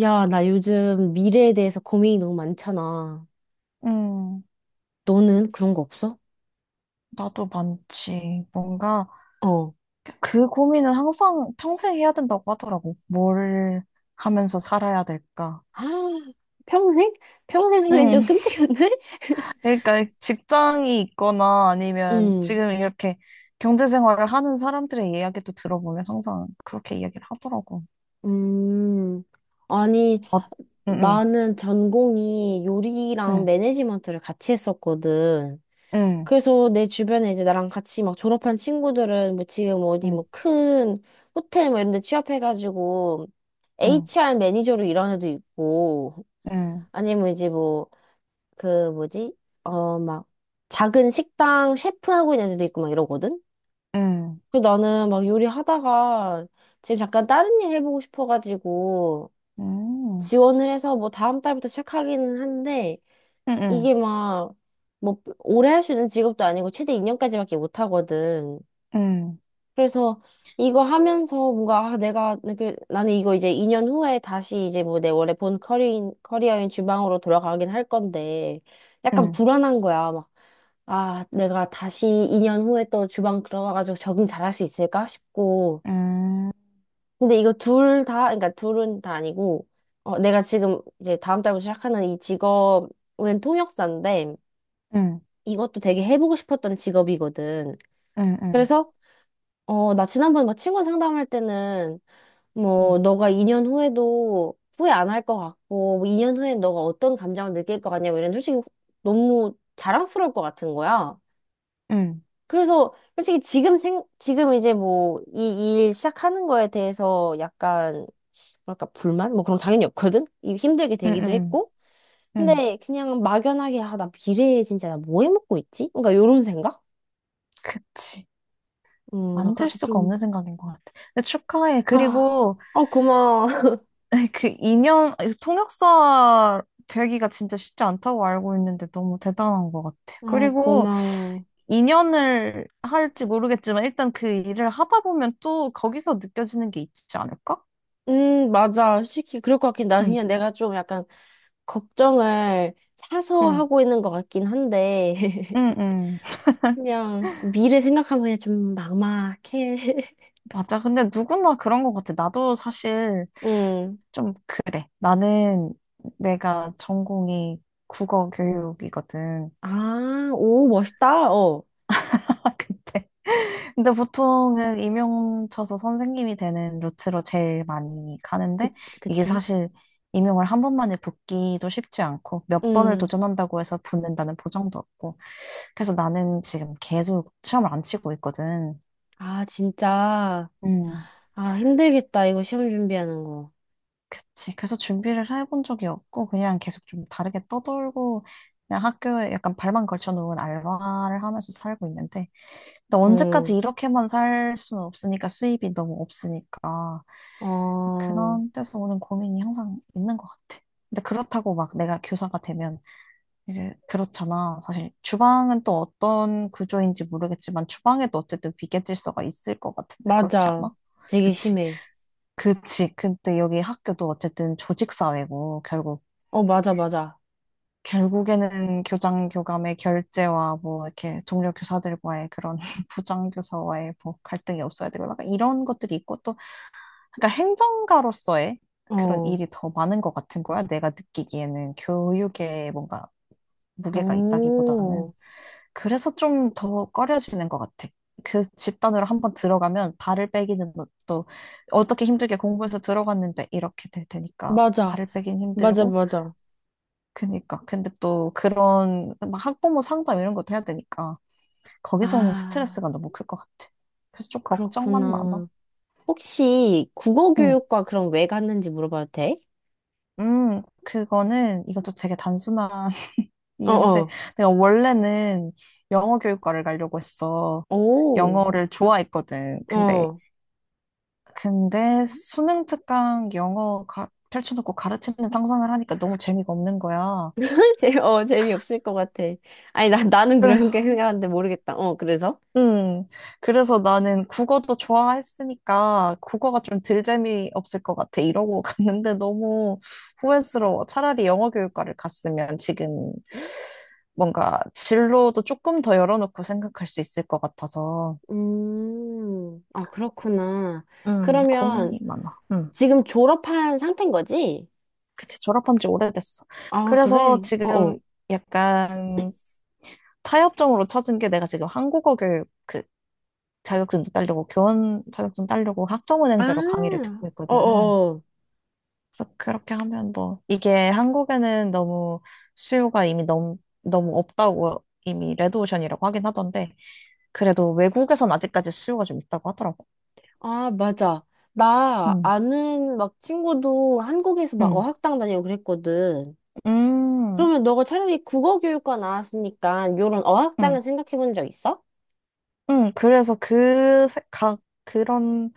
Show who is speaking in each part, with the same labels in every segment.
Speaker 1: 야, 나 요즘 미래에 대해서 고민이 너무 많잖아.
Speaker 2: 응,
Speaker 1: 너는 그런 거 없어?
Speaker 2: 나도 많지. 뭔가
Speaker 1: 어.
Speaker 2: 그 고민은 항상 평생 해야 된다고 하더라고. 뭘 하면서 살아야 될까.
Speaker 1: 아, 평생? 평생 하기엔 좀
Speaker 2: 응,
Speaker 1: 끔찍한데?
Speaker 2: 그러니까 직장이 있거나 아니면
Speaker 1: 음,
Speaker 2: 지금 이렇게 경제생활을 하는 사람들의 이야기도 들어보면 항상 그렇게 이야기를 하더라고.
Speaker 1: 음. 아니,
Speaker 2: 어. 응응.
Speaker 1: 나는 전공이 요리랑 매니지먼트를 같이 했었거든. 그래서 내 주변에 이제 나랑 같이 막 졸업한 친구들은 뭐 지금 어디 뭐 큰 호텔 뭐 이런 데 취업해가지고 HR 매니저로 일하는 애도 있고 아니면 이제 뭐 그 뭐지? 어, 막 작은 식당 셰프 하고 있는 애들도 있고 막 이러거든? 그래서 나는 막 요리하다가 지금 잠깐 다른 일 해보고 싶어가지고 지원을 해서 뭐 다음 달부터 시작하기는 한데 이게 막 뭐 오래 할 수 있는 직업도 아니고 최대 2년까지밖에 못 하거든.
Speaker 2: 응응응응응응응응응응응응응응응응응.
Speaker 1: 그래서 이거 하면서 뭔가 아, 내가 그 나는 이거 이제 2년 후에 다시 이제 뭐 내 원래 본 커리인 커리어인 주방으로 돌아가긴 할 건데 약간 불안한 거야. 막 아, 내가 다시 2년 후에 또 주방 들어가가지고 적응 잘할 수 있을까 싶고. 근데 이거 둘 다, 그러니까 둘은 다 아니고, 어, 내가 지금 이제 다음 달부터 시작하는 이 직업은 통역사인데, 이것도 되게 해보고 싶었던 직업이거든. 그래서, 어, 나 지난번에 막 친구 상담할 때는 뭐, 너가 2년 후에도 후회 안 할 것 같고, 뭐 2년 후에 너가 어떤 감정을 느낄 것 같냐, 뭐 이런 솔직히 너무 자랑스러울 것 같은 거야. 그래서 솔직히 지금 이제 뭐, 이 일 시작하는 거에 대해서 약간, 뭐랄까, 불만? 뭐 그런 거 당연히 없거든? 이 힘들게 되기도 했고. 근데 그냥 막연하게, 아, 나 미래에 진짜 나 뭐 해먹고 있지? 그러니까 요런 생각?
Speaker 2: 그치.
Speaker 1: 나
Speaker 2: 만들
Speaker 1: 그래서
Speaker 2: 수가
Speaker 1: 좀,
Speaker 2: 없는 생각인 것 같아. 근데 축하해.
Speaker 1: 아,
Speaker 2: 그리고
Speaker 1: 어, 고마워.
Speaker 2: 그인연 통역사 되기가 진짜 쉽지 않다고 알고 있는데 너무 대단한 것 같아.
Speaker 1: 어,
Speaker 2: 그리고
Speaker 1: 고마워.
Speaker 2: 인연을 할지 모르겠지만 일단 그 일을 하다 보면 또 거기서 느껴지는 게 있지 않을까?
Speaker 1: 맞아. 솔직히 그럴 것 같긴. 나
Speaker 2: 응,
Speaker 1: 그냥 내가 좀 약간 걱정을 사서
Speaker 2: 응,
Speaker 1: 하고 있는 것 같긴 한데,
Speaker 2: 응, 응.
Speaker 1: 그냥 미래 생각하면 그냥 좀 막막해.
Speaker 2: 맞아. 근데 누구나 그런 것 같아. 나도 사실
Speaker 1: 음.
Speaker 2: 좀 그래. 나는 내가 전공이 국어 교육이거든.
Speaker 1: 아, 오, 멋있다. 어.
Speaker 2: 근데 근데 보통은 임용쳐서 선생님이 되는 루트로 제일 많이
Speaker 1: 그,
Speaker 2: 가는데 이게
Speaker 1: 그치?
Speaker 2: 사실 임용을 한 번만에 붙기도 쉽지 않고 몇 번을
Speaker 1: 음.
Speaker 2: 도전한다고 해서 붙는다는 보장도 없고. 그래서 나는 지금 계속 시험을 안 치고 있거든.
Speaker 1: 아, 진짜.
Speaker 2: 음,
Speaker 1: 아, 힘들겠다. 이거 시험 준비하는 거.
Speaker 2: 그치. 그래서 준비를 해본 적이 없고 그냥 계속 좀 다르게 떠돌고, 그냥 학교에 약간 발만 걸쳐놓은 알바를 하면서 살고 있는데, 근데
Speaker 1: 응
Speaker 2: 언제까지 이렇게만 살 수는 없으니까, 수입이 너무 없으니까
Speaker 1: 어,
Speaker 2: 그런 데서 오는 고민이 항상 있는 것 같아. 근데 그렇다고 막 내가 교사가 되면, 이게 그렇잖아. 사실 주방은 또 어떤 구조인지 모르겠지만 주방에도 어쨌든 위계 질서가 있을 것 같은데, 그렇지
Speaker 1: 맞아.
Speaker 2: 않아?
Speaker 1: 되게
Speaker 2: 그치.
Speaker 1: 심해.
Speaker 2: 그치. 근데 여기 학교도 어쨌든 조직 사회고, 결국
Speaker 1: 어, 맞아, 맞아.
Speaker 2: 결국에는 교장 교감의 결제와 뭐 이렇게 동료 교사들과의 그런 부장 교사와의 뭐 갈등이 없어야 되고, 약간 이런 것들이 있고, 또 그러니까 행정가로서의 그런
Speaker 1: 어.
Speaker 2: 일이 더 많은 것 같은 거야. 내가 느끼기에는. 교육에 뭔가 무게가
Speaker 1: 오.
Speaker 2: 있다기보다는. 그래서 좀 더 꺼려지는 것 같아. 그 집단으로 한번 들어가면 발을 빼기는, 또 어떻게 힘들게 공부해서 들어갔는데 이렇게 될 테니까
Speaker 1: 맞아.
Speaker 2: 발을 빼긴
Speaker 1: 맞아,
Speaker 2: 힘들고.
Speaker 1: 맞아.
Speaker 2: 그니까. 근데 또 그런 막 학부모 상담 이런 것도 해야 되니까 거기서 오는
Speaker 1: 아.
Speaker 2: 스트레스가 너무 클 것 같아. 그래서 좀 걱정만 많아.
Speaker 1: 그렇구나. 혹시 국어
Speaker 2: 응.
Speaker 1: 교육과 그럼 왜 갔는지 물어봐도 돼?
Speaker 2: 그거는, 이것도 되게 단순한 이유인데,
Speaker 1: 어어,
Speaker 2: 내가 원래는 영어 교육과를 가려고 했어.
Speaker 1: 오,
Speaker 2: 영어를 좋아했거든. 근데
Speaker 1: 어.
Speaker 2: 근데 수능 특강 영어 펼쳐놓고 가르치는 상상을 하니까 너무 재미가 없는 거야.
Speaker 1: 어, 재미없을 것 같아. 아니, 나는
Speaker 2: 그래,
Speaker 1: 그런 게 생각하는데 모르겠다. 어, 그래서?
Speaker 2: 음. 그래서 나는 국어도 좋아했으니까 국어가 좀 덜 재미없을 것 같아, 이러고 갔는데 너무 후회스러워. 차라리 영어 교육과를 갔으면 지금 뭔가 진로도 조금 더 열어놓고 생각할 수 있을 것 같아서.
Speaker 1: 아, 그렇구나.
Speaker 2: 고민이
Speaker 1: 그러면
Speaker 2: 많아.
Speaker 1: 지금 졸업한 상태인 거지?
Speaker 2: 그치, 졸업한 지 오래됐어.
Speaker 1: 아, 그래.
Speaker 2: 그래서
Speaker 1: 어 어.
Speaker 2: 지금 약간 타협점으로 찾은 게, 내가 지금 한국어 교육 그 자격증 따려고, 교원 자격증 따려고 학점은행제로 강의를
Speaker 1: 아,
Speaker 2: 듣고 있거든.
Speaker 1: 어어어.
Speaker 2: 그래서 그렇게 하면 뭐, 이게 한국에는 너무 수요가 이미 너무, 너무 없다고, 이미 레드오션이라고 하긴 하던데, 그래도 외국에선 아직까지 수요가 좀 있다고 하더라고.
Speaker 1: 아, 맞아. 나
Speaker 2: 음,
Speaker 1: 아는 막 친구도 한국에서 막
Speaker 2: 음,
Speaker 1: 어학당 다니고 그랬거든.
Speaker 2: 음,
Speaker 1: 그러면 너가 차라리 국어 교육과 나왔으니까 요런
Speaker 2: 음.
Speaker 1: 어학당은 생각해 본 적 있어?
Speaker 2: 응, 그래서 그, 가, 그런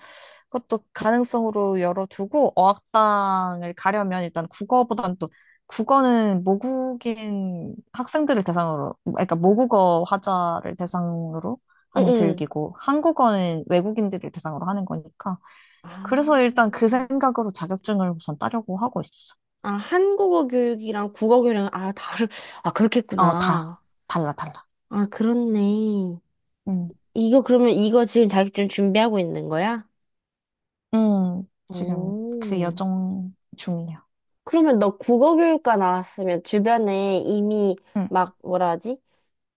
Speaker 2: 것도 가능성으로 열어두고. 어학당을 가려면 일단 국어보단 또, 국어는 모국인 학생들을 대상으로, 그러니까 모국어 화자를 대상으로 하는
Speaker 1: 응응.
Speaker 2: 교육이고, 한국어는 외국인들을 대상으로 하는 거니까.
Speaker 1: 아,
Speaker 2: 그래서 일단 그 생각으로 자격증을 우선 따려고 하고 있어.
Speaker 1: 아, 한국어 교육이랑 국어 교육이랑 아, 다른 아,
Speaker 2: 어, 다.
Speaker 1: 그렇겠구나.
Speaker 2: 달라, 달라.
Speaker 1: 아, 그렇네.
Speaker 2: 응,
Speaker 1: 이거 그러면 이거 지금 자격증 준비하고 있는 거야?
Speaker 2: 응, 지금 그
Speaker 1: 오.
Speaker 2: 여정 중이야.
Speaker 1: 그러면 너 국어교육과 나왔으면 주변에 이미
Speaker 2: 응.
Speaker 1: 막 뭐라 하지?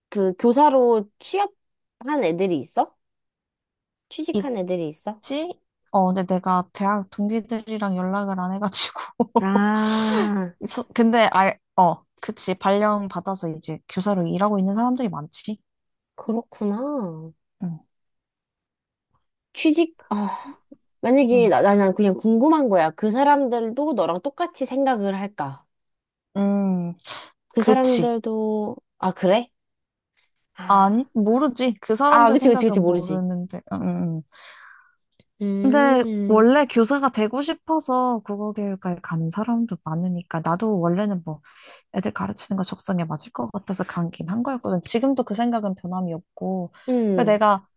Speaker 1: 그 교사로 취업한 애들이 있어?
Speaker 2: 이
Speaker 1: 취직한 애들이 있어?
Speaker 2: 지? 어, 근데 내가 대학 동기들이랑 연락을 안 해가지고.
Speaker 1: 아,
Speaker 2: 근데, 아, 어, 그치. 발령 받아서 이제 교사로 일하고 있는 사람들이 많지.
Speaker 1: 그렇구나.
Speaker 2: 응,
Speaker 1: 취직, 아, 만약에
Speaker 2: 응.
Speaker 1: 나 그냥 궁금한 거야. 그 사람들도 너랑 똑같이 생각을 할까?
Speaker 2: 음,
Speaker 1: 그
Speaker 2: 그치.
Speaker 1: 사람들도, 아, 그래?
Speaker 2: 아니,
Speaker 1: 아,
Speaker 2: 모르지. 그
Speaker 1: 아,
Speaker 2: 사람들
Speaker 1: 그치, 그치, 그치,
Speaker 2: 생각은
Speaker 1: 모르지.
Speaker 2: 모르는데. 음. 근데
Speaker 1: 음,
Speaker 2: 원래 교사가 되고 싶어서 국어교육과에 가는 사람도 많으니까, 나도 원래는 뭐 애들 가르치는 거 적성에 맞을 것 같아서 가긴 한 거였거든. 지금도 그 생각은 변함이 없고. 그러니까
Speaker 1: 음,
Speaker 2: 내가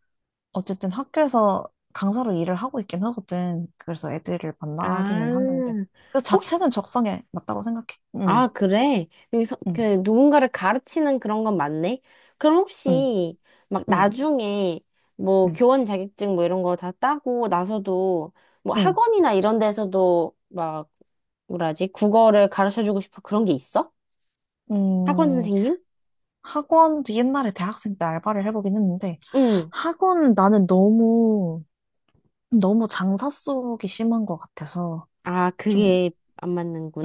Speaker 2: 어쨌든 학교에서 강사로 일을 하고 있긴 하거든. 그래서 애들을 만나기는 하는데,
Speaker 1: 아.
Speaker 2: 그
Speaker 1: 혹시
Speaker 2: 자체는 적성에 맞다고 생각해. 응,
Speaker 1: 아, 그래?
Speaker 2: 응,
Speaker 1: 그, 누군가를 가르치는 그런 건 맞네? 그럼
Speaker 2: 응,
Speaker 1: 혹시, 막,
Speaker 2: 응,
Speaker 1: 나중에, 뭐,
Speaker 2: 응,
Speaker 1: 교원 자격증 뭐 이런 거 다 따고 나서도, 뭐,
Speaker 2: 응.
Speaker 1: 학원이나 이런 데서도, 막, 뭐라 하지? 국어를 가르쳐주고 싶어 그런 게 있어? 학원
Speaker 2: 음,
Speaker 1: 선생님?
Speaker 2: 학원도 옛날에 대학생 때 알바를 해보긴 했는데,
Speaker 1: 응.
Speaker 2: 학원은 나는 너무 너무 장사 속이 심한 것 같아서
Speaker 1: 아,
Speaker 2: 좀,
Speaker 1: 그게 안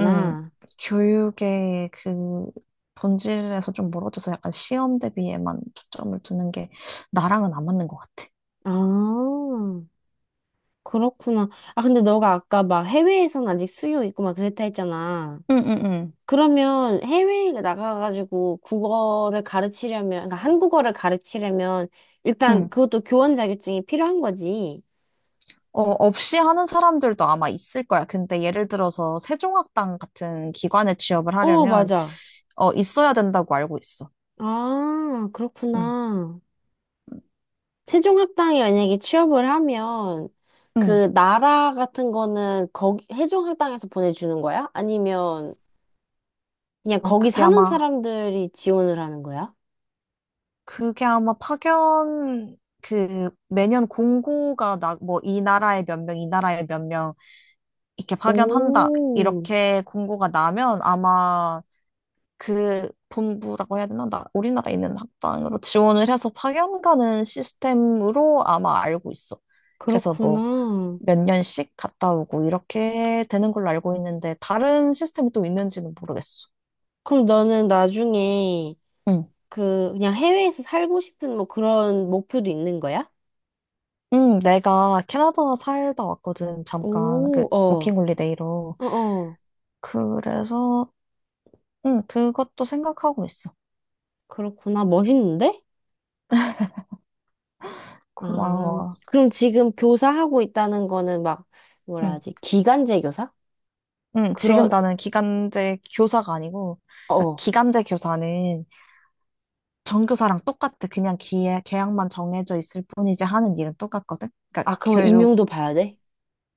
Speaker 2: 음, 교육의 그 본질에서 좀 멀어져서 약간 시험 대비에만 초점을 두는 게 나랑은 안 맞는 것 같아.
Speaker 1: 아, 그렇구나. 아, 근데 너가 아까 막 해외에선 아직 수요 있고 막 그랬다 했잖아.
Speaker 2: 응, 응, 응.
Speaker 1: 그러면 해외에 나가가지고 국어를 가르치려면, 그러니까 한국어를 가르치려면 일단
Speaker 2: 응.
Speaker 1: 그것도 교원 자격증이 필요한 거지.
Speaker 2: 어, 없이 하는 사람들도 아마 있을 거야. 근데 예를 들어서 세종학당 같은 기관에 취업을
Speaker 1: 어,
Speaker 2: 하려면
Speaker 1: 맞아.
Speaker 2: 어, 있어야 된다고 알고 있어.
Speaker 1: 아,
Speaker 2: 응.
Speaker 1: 그렇구나. 세종학당에 만약에 취업을 하면
Speaker 2: 응.
Speaker 1: 그 나라 같은 거는 거기 세종학당에서 보내주는 거야? 아니면 그냥
Speaker 2: 어,
Speaker 1: 거기
Speaker 2: 그게
Speaker 1: 사는
Speaker 2: 아마,
Speaker 1: 사람들이 지원을 하는 거야?
Speaker 2: 그게 아마 파견, 그, 매년 공고가 나, 뭐, 이 나라에 몇 명, 이 나라에 몇 명, 이렇게 파견한다.
Speaker 1: 오,
Speaker 2: 이렇게 공고가 나면 아마 그 본부라고 해야 되나? 나 우리나라에 있는 학당으로 지원을 해서 파견 가는 시스템으로 아마 알고 있어. 그래서 뭐
Speaker 1: 그렇구나.
Speaker 2: 몇 년씩 갔다 오고 이렇게 되는 걸로 알고 있는데 다른 시스템이 또 있는지는 모르겠어.
Speaker 1: 그럼 너는 나중에
Speaker 2: 응.
Speaker 1: 그냥 해외에서 살고 싶은 뭐 그런 목표도 있는 거야?
Speaker 2: 응, 내가 캐나다 살다 왔거든. 잠깐 그
Speaker 1: 오, 어,
Speaker 2: 워킹 홀리데이로.
Speaker 1: 어, 어.
Speaker 2: 그래서 응, 그것도 생각하고 있어.
Speaker 1: 그렇구나. 멋있는데? 아,
Speaker 2: 고마워.
Speaker 1: 그럼 지금 교사하고 있다는 거는 막, 뭐라
Speaker 2: 응.
Speaker 1: 하지? 기간제 교사?
Speaker 2: 응, 지금
Speaker 1: 그런,
Speaker 2: 나는 기간제 교사가 아니고, 그러니까
Speaker 1: 어.
Speaker 2: 기간제 교사는 전교사랑 똑같아. 그냥 기회, 계약만 정해져 있을 뿐이지 하는 일은 똑같거든. 그러니까
Speaker 1: 아, 그럼
Speaker 2: 교육,
Speaker 1: 임용도 봐야 돼?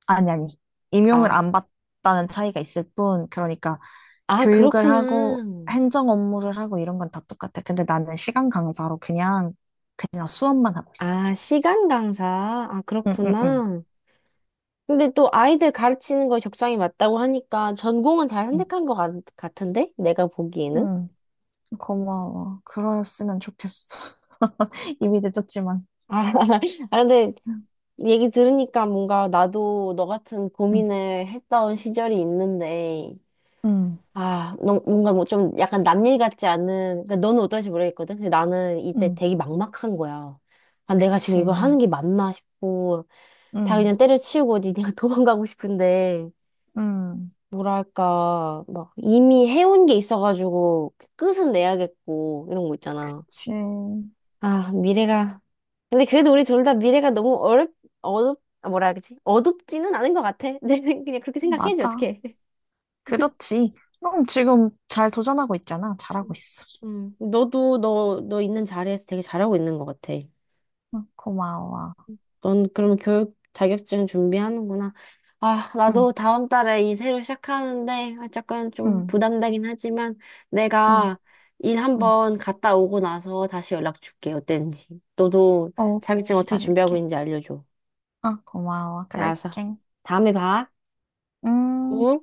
Speaker 2: 아니, 아니. 임용을
Speaker 1: 아,
Speaker 2: 안 받다는 차이가 있을 뿐. 그러니까
Speaker 1: 아,
Speaker 2: 교육을
Speaker 1: 그렇구나.
Speaker 2: 하고 행정 업무를 하고 이런 건 다 똑같아. 근데 나는 시간 강사로 그냥, 그냥 수업만 하고 있어.
Speaker 1: 아, 시간 강사. 아,
Speaker 2: 응, 응, 응.
Speaker 1: 그렇구나. 근데 또 아이들 가르치는 거에 적성이 맞다고 하니까 전공은 잘
Speaker 2: 응,
Speaker 1: 선택한 같은데? 내가 보기에는?
Speaker 2: 응. 고마워. 그러셨으면 좋겠어. 이미 늦었지만.
Speaker 1: 아, 아, 근데 얘기 들으니까 뭔가 나도 너 같은
Speaker 2: 응,
Speaker 1: 고민을 했던 시절이 있는데,
Speaker 2: 응,
Speaker 1: 아, 너, 뭔가 뭐 좀 약간 남일 같지 않은, 그러니까 너는 어떨지 모르겠거든? 근데 나는 이때
Speaker 2: 응.
Speaker 1: 되게 막막한 거야. 아, 내가 지금 이걸
Speaker 2: 그치.
Speaker 1: 하는 게 맞나 싶고, 다
Speaker 2: 응,
Speaker 1: 그냥 때려치우고 어디 그냥 도망가고 싶은데,
Speaker 2: 응.
Speaker 1: 뭐랄까, 막 이미 해온 게 있어가지고 끝은 내야겠고, 이런 거 있잖아.
Speaker 2: 그치.
Speaker 1: 아, 미래가. 근데 그래도 우리 둘 다 미래가 너무 아, 뭐라 해야 되지? 어둡지는 않은 것 같아. 내 그냥 그렇게 생각해야지,
Speaker 2: 맞아.
Speaker 1: 어떡해.
Speaker 2: 그렇지. 응, 지금 잘 도전하고 있잖아. 잘하고
Speaker 1: 음,
Speaker 2: 있어.
Speaker 1: 너도 너 있는 자리에서 되게 잘하고 있는 것 같아.
Speaker 2: 응, 고마워.
Speaker 1: 넌 그럼 교육 자격증 준비하는구나. 아,
Speaker 2: 응,
Speaker 1: 나도 다음 달에 이 새로 시작하는데, 아, 약간 좀
Speaker 2: 응,
Speaker 1: 부담되긴 하지만,
Speaker 2: 응,
Speaker 1: 내가 일
Speaker 2: 응.
Speaker 1: 한번 갔다 오고 나서 다시 연락 줄게, 어땠는지. 너도
Speaker 2: 어,
Speaker 1: 자격증 어떻게 준비하고
Speaker 2: 기다릴게.
Speaker 1: 있는지 알려줘.
Speaker 2: 어, 고마워.
Speaker 1: 네, 알았어.
Speaker 2: 그럴게.
Speaker 1: 다음에 봐.
Speaker 2: 음.
Speaker 1: 어?